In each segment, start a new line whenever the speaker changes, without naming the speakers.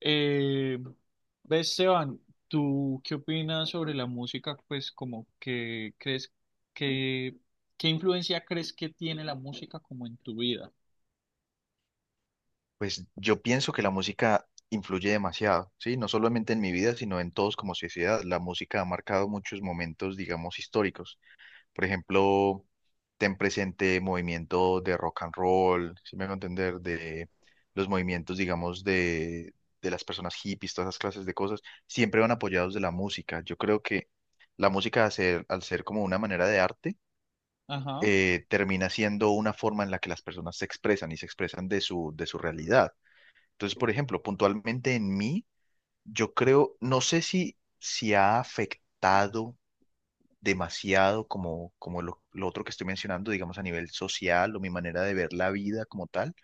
Eh, ves, Esteban, ¿tú qué opinas sobre la música? Pues como que crees que, ¿qué influencia crees que tiene la música como en tu vida?
Pues yo pienso que la música influye demasiado, ¿sí? No solamente en mi vida, sino en todos como sociedad. La música ha marcado muchos momentos, digamos, históricos. Por ejemplo, ten presente movimiento de rock and roll, si me hago entender, de los movimientos, digamos, de las personas hippies, todas esas clases de cosas, siempre van apoyados de la música. Yo creo que la música, al ser como una manera de arte,
Ajá.
termina siendo una forma en la que las personas se expresan y se expresan de su realidad. Entonces, por ejemplo, puntualmente en mí, yo creo, no sé si ha afectado demasiado como, como lo otro que estoy mencionando, digamos a nivel social o mi manera de ver la vida como tal,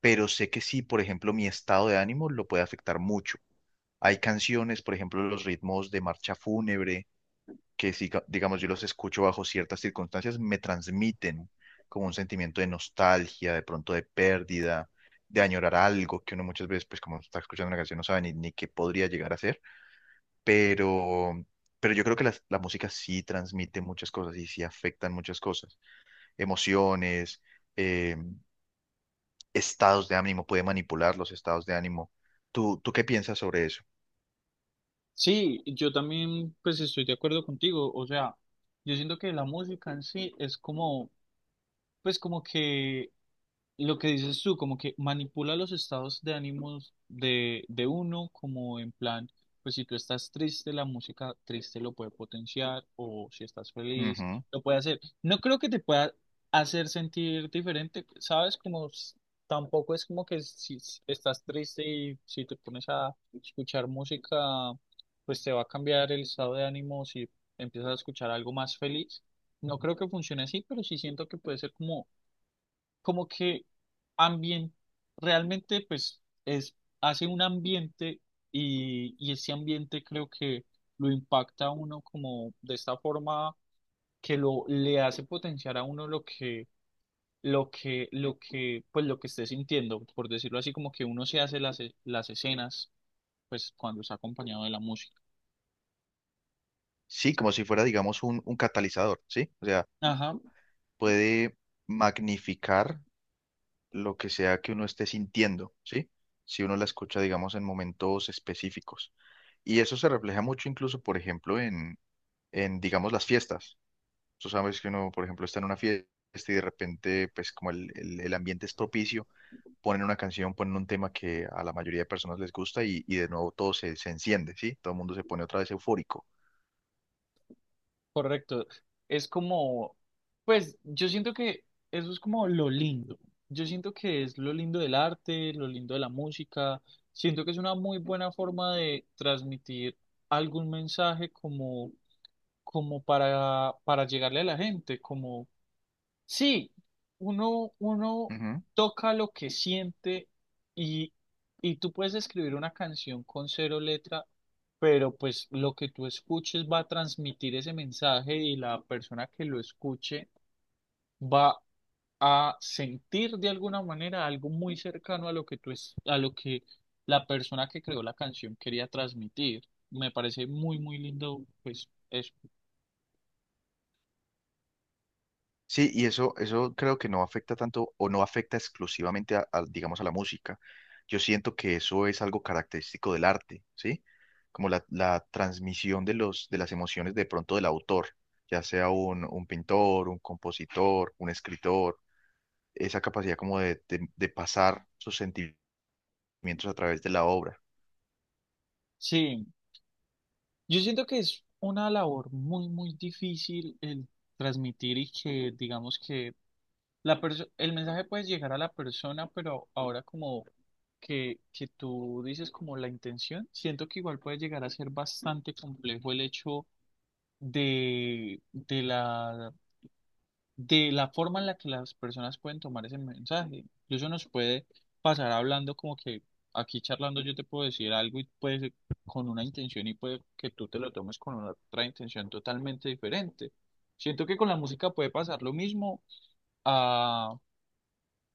pero sé que sí, por ejemplo, mi estado de ánimo lo puede afectar mucho. Hay canciones, por ejemplo, los ritmos de marcha fúnebre que si, digamos, yo los escucho bajo ciertas circunstancias, me transmiten como un sentimiento de nostalgia, de pronto de pérdida, de añorar algo que uno muchas veces, pues como está escuchando una canción, no sabe ni qué podría llegar a ser, pero, pero yo creo que la música sí transmite muchas cosas y sí afectan muchas cosas, emociones, eh, estados de ánimo, puede manipular los estados de ánimo. ¿Tú qué piensas sobre eso?
Sí, yo también pues estoy de acuerdo contigo. O sea, yo siento que la música en sí es como, pues como que lo que dices tú, como que manipula los estados de ánimos de uno, como en plan, pues si tú estás triste, la música triste lo puede potenciar, o si estás feliz,
Ujú.
lo puede hacer. No creo que te pueda hacer sentir diferente, ¿sabes? Tampoco es como que si s- estás triste y si te pones a escuchar música, pues te va a cambiar el estado de ánimo si empiezas a escuchar algo más feliz. No creo que funcione así, pero sí siento que puede ser como como que ambiente. Realmente pues es, hace un ambiente y ese ambiente creo que lo impacta a uno como de esta forma que lo le hace potenciar a uno lo que lo que esté sintiendo, por decirlo así, como que uno se hace las escenas pues cuando está acompañado de la música.
Sí, como si fuera, digamos, un catalizador, ¿sí? O sea,
Ajá.
puede magnificar lo que sea que uno esté sintiendo, ¿sí? Si uno la escucha, digamos, en momentos específicos. Y eso se refleja mucho incluso, por ejemplo, en digamos, las fiestas. Tú sabes que uno, por ejemplo, está en una fiesta y de repente, pues como el ambiente es propicio, ponen una canción, ponen un tema que a la mayoría de personas les gusta y de nuevo todo se enciende, ¿sí? Todo el mundo se pone otra vez eufórico.
Correcto. Es como, pues yo siento que eso es como lo lindo. Yo siento que es lo lindo del arte, lo lindo de la música. Siento que es una muy buena forma de transmitir algún mensaje como, como para llegarle a la gente, como sí, uno toca lo que siente y, y tú puedes escribir una canción con cero letra, pero pues lo que tú escuches va a transmitir ese mensaje y la persona que lo escuche va a sentir de alguna manera algo muy cercano a lo que tú es, a lo que la persona que creó la canción quería transmitir. Me parece muy, muy lindo, pues eso.
Sí, y eso creo que no afecta tanto o no afecta exclusivamente a, digamos, a la música. Yo siento que eso es algo característico del arte, ¿sí? Como la transmisión de los, de las emociones de pronto del autor, ya sea un pintor, un compositor, un escritor, esa capacidad como de, de pasar sus sentimientos a través de la obra.
Sí. Yo siento que es una labor muy, muy difícil el transmitir y que digamos que el mensaje puede llegar a la persona, pero ahora como que tú dices como la intención, siento que igual puede llegar a ser bastante complejo el hecho de, de la de la forma en la que las personas pueden tomar ese mensaje. Incluso nos puede pasar hablando como que aquí charlando yo te puedo decir algo y puede ser con una intención y puede que tú te lo tomes con una otra intención totalmente diferente. Siento que con la música puede pasar lo mismo a,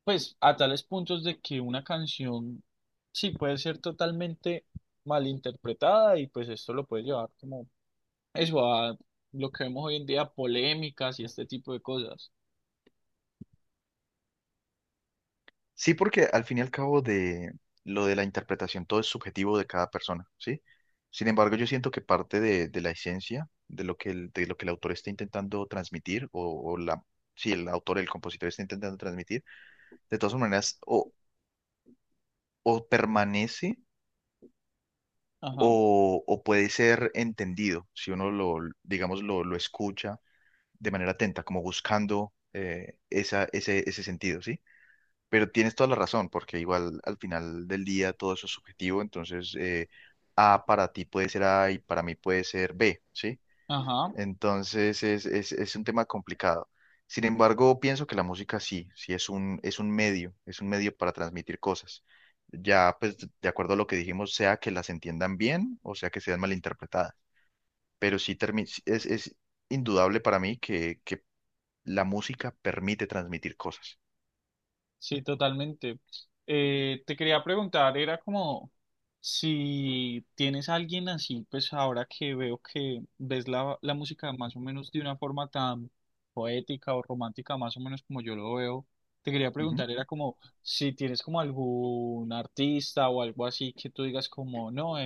pues, a tales puntos de que una canción sí puede ser totalmente malinterpretada y pues esto lo puede llevar como eso a lo que vemos hoy en día, polémicas y este tipo de cosas.
Sí, porque al fin y al cabo de lo de la interpretación, todo es subjetivo de cada persona, ¿sí? Sin embargo, yo siento que parte de la esencia de lo que el, de lo que el autor está intentando transmitir, o la, sí el autor, el compositor está intentando transmitir, de todas maneras, o permanece
Ajá,
o puede ser entendido, si uno lo, digamos, lo escucha de manera atenta, como buscando esa, ese sentido, ¿sí? Pero tienes toda la razón, porque igual al final del día todo eso es subjetivo, entonces A para ti puede ser A y para mí puede ser B, ¿sí?
ajá,
Entonces es un tema complicado. Sin embargo, pienso que la música sí, sí es un medio para transmitir cosas. Ya, pues, de acuerdo a lo que dijimos, sea que las entiendan bien o sea que sean malinterpretadas, pero sí sí es indudable para mí que la música permite transmitir cosas.
sí, totalmente. Te quería preguntar, era como si tienes a alguien así, pues ahora que veo que ves la música más o menos de una forma tan poética o romántica, más o menos como yo lo veo, te quería
Ujú.
preguntar, era como si tienes como algún artista o algo así que tú digas como, no,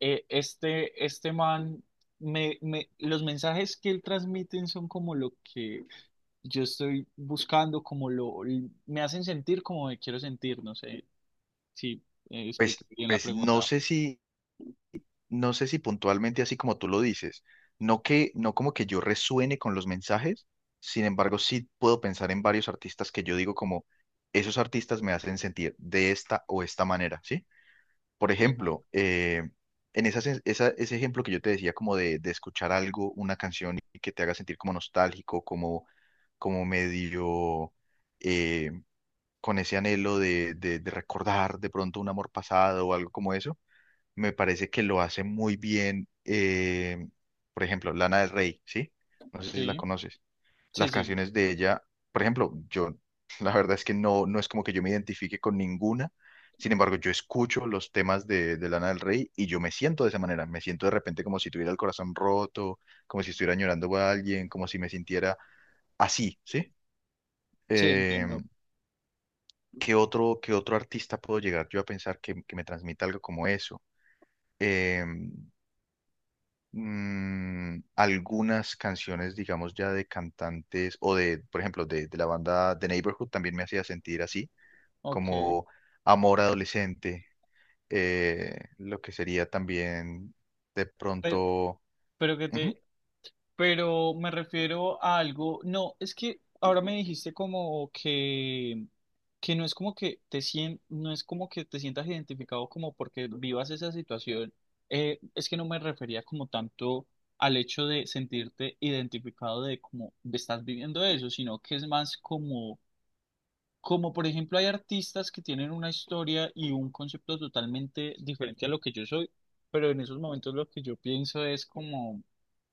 este man, los mensajes que él transmiten son como lo que yo estoy buscando, como lo, me hacen sentir como me quiero sentir, no sé si expliqué
Pues,
bien la
pues no
pregunta.
sé si no sé si puntualmente así como tú lo dices, no que, no como que yo resuene con los mensajes, sin embargo sí puedo pensar en varios artistas que yo digo como, esos artistas me hacen sentir de esta o esta manera, ¿sí? Por
Ujú.
ejemplo, en ese ejemplo que yo te decía como de escuchar algo, una canción y que te haga sentir como nostálgico, como, como medio... eh, con ese anhelo de, de recordar de pronto un amor pasado o algo como eso me parece que lo hace muy bien, por ejemplo, Lana del Rey, ¿sí? No sé si la
Sí,
conoces.
sí,
Las
sí,
canciones de ella, por ejemplo, yo, la verdad es que no, no es como que yo me identifique con ninguna, sin embargo, yo escucho los temas de Lana del Rey y yo me siento de esa manera, me siento de repente como si tuviera el corazón roto, como si estuviera llorando a alguien, como si me sintiera así, ¿sí?
sí, entiendo.
Eh, qué otro artista puedo llegar yo a pensar que me transmita algo como eso? Eh, algunas canciones, digamos, ya de cantantes o de, por ejemplo, de la banda The Neighborhood también me hacía sentir así,
Ok.
como amor adolescente, lo que sería también de
pe-
pronto...
pero, que
ujú.
te, pero me refiero a algo, no, es que ahora me dijiste como que no es como que no es como que te sientas identificado como porque vivas esa situación, es que no me refería como tanto al hecho de sentirte identificado de cómo estás viviendo eso, sino que es más como, como por ejemplo hay artistas que tienen una historia y un concepto totalmente diferente a lo que yo soy, pero en esos momentos lo que yo pienso es como,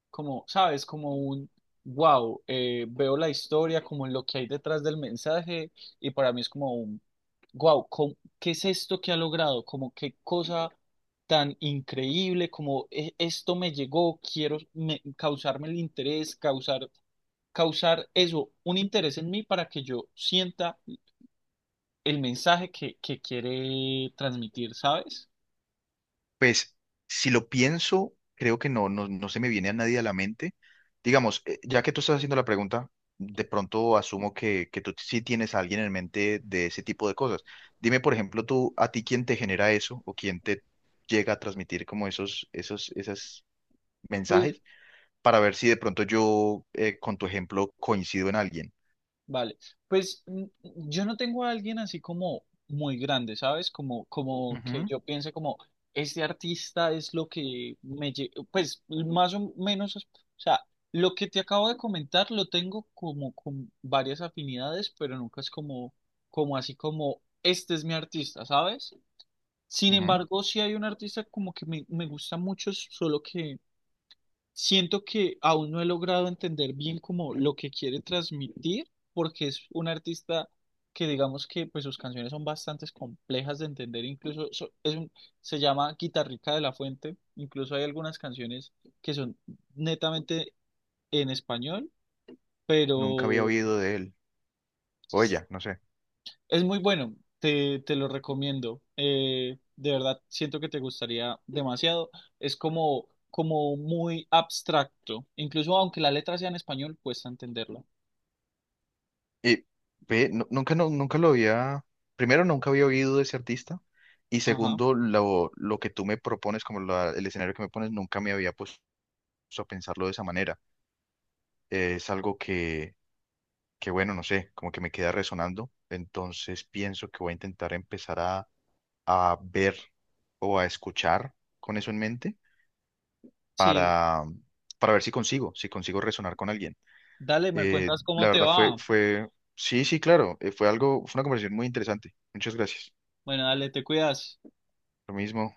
como, sabes, como un, wow, veo la historia, como lo que hay detrás del mensaje y para mí es como un, wow, ¿qué es esto que ha logrado? Como qué cosa tan increíble, como esto me llegó, quiero causarme el interés, causar, causar eso, un interés en mí para que yo sienta el mensaje que quiere transmitir", ¿sabes?
Pues si lo pienso, creo que no, no, no se me viene a nadie a la mente. Digamos, ya que tú estás haciendo la pregunta, de pronto asumo que tú sí tienes a alguien en mente de ese tipo de cosas. Dime, por ejemplo, tú, a ti quién te genera eso o quién te llega a transmitir como esos, esos, esos
Pues
mensajes para ver si de pronto yo, con tu ejemplo, coincido en alguien.
vale, pues yo no tengo a alguien así como muy grande, ¿sabes? Como, como que yo piense como, este artista es lo que me... Pues más o menos, o sea, lo que te acabo de comentar lo tengo como con varias afinidades, pero nunca es como, como así como, este es mi artista, ¿sabes? Sin
Ujú, ujú.
embargo, sí hay un artista como que me gusta mucho, solo que siento que aún no he logrado entender bien como lo que quiere transmitir, porque es un artista que digamos que pues sus canciones son bastante complejas de entender, incluso se llama Guitarrica de la Fuente, incluso hay algunas canciones que son netamente en español,
Nunca había
pero
oído de él. O ella, no sé.
es muy bueno, te lo recomiendo. De verdad, siento que te gustaría demasiado. Es como, como muy abstracto. Incluso aunque la letra sea en español, cuesta entenderla.
Y ve, nunca, nunca lo había, primero nunca había oído de ese artista y
Ajá.
segundo lo que tú me propones, como el escenario que me pones, nunca me había puesto a pensarlo de esa manera. Es algo que, bueno, no sé, como que me queda resonando, entonces pienso que voy a intentar empezar a ver o a escuchar con eso en mente
Sí,
para para ver si consigo, si consigo resonar con alguien.
dale, me cuentas cómo
La
te
verdad fue,
va.
fue, sí, sí, claro, fue algo, fue una conversación muy interesante. Muchas gracias.
Bueno, dale, te cuidas.
Lo mismo.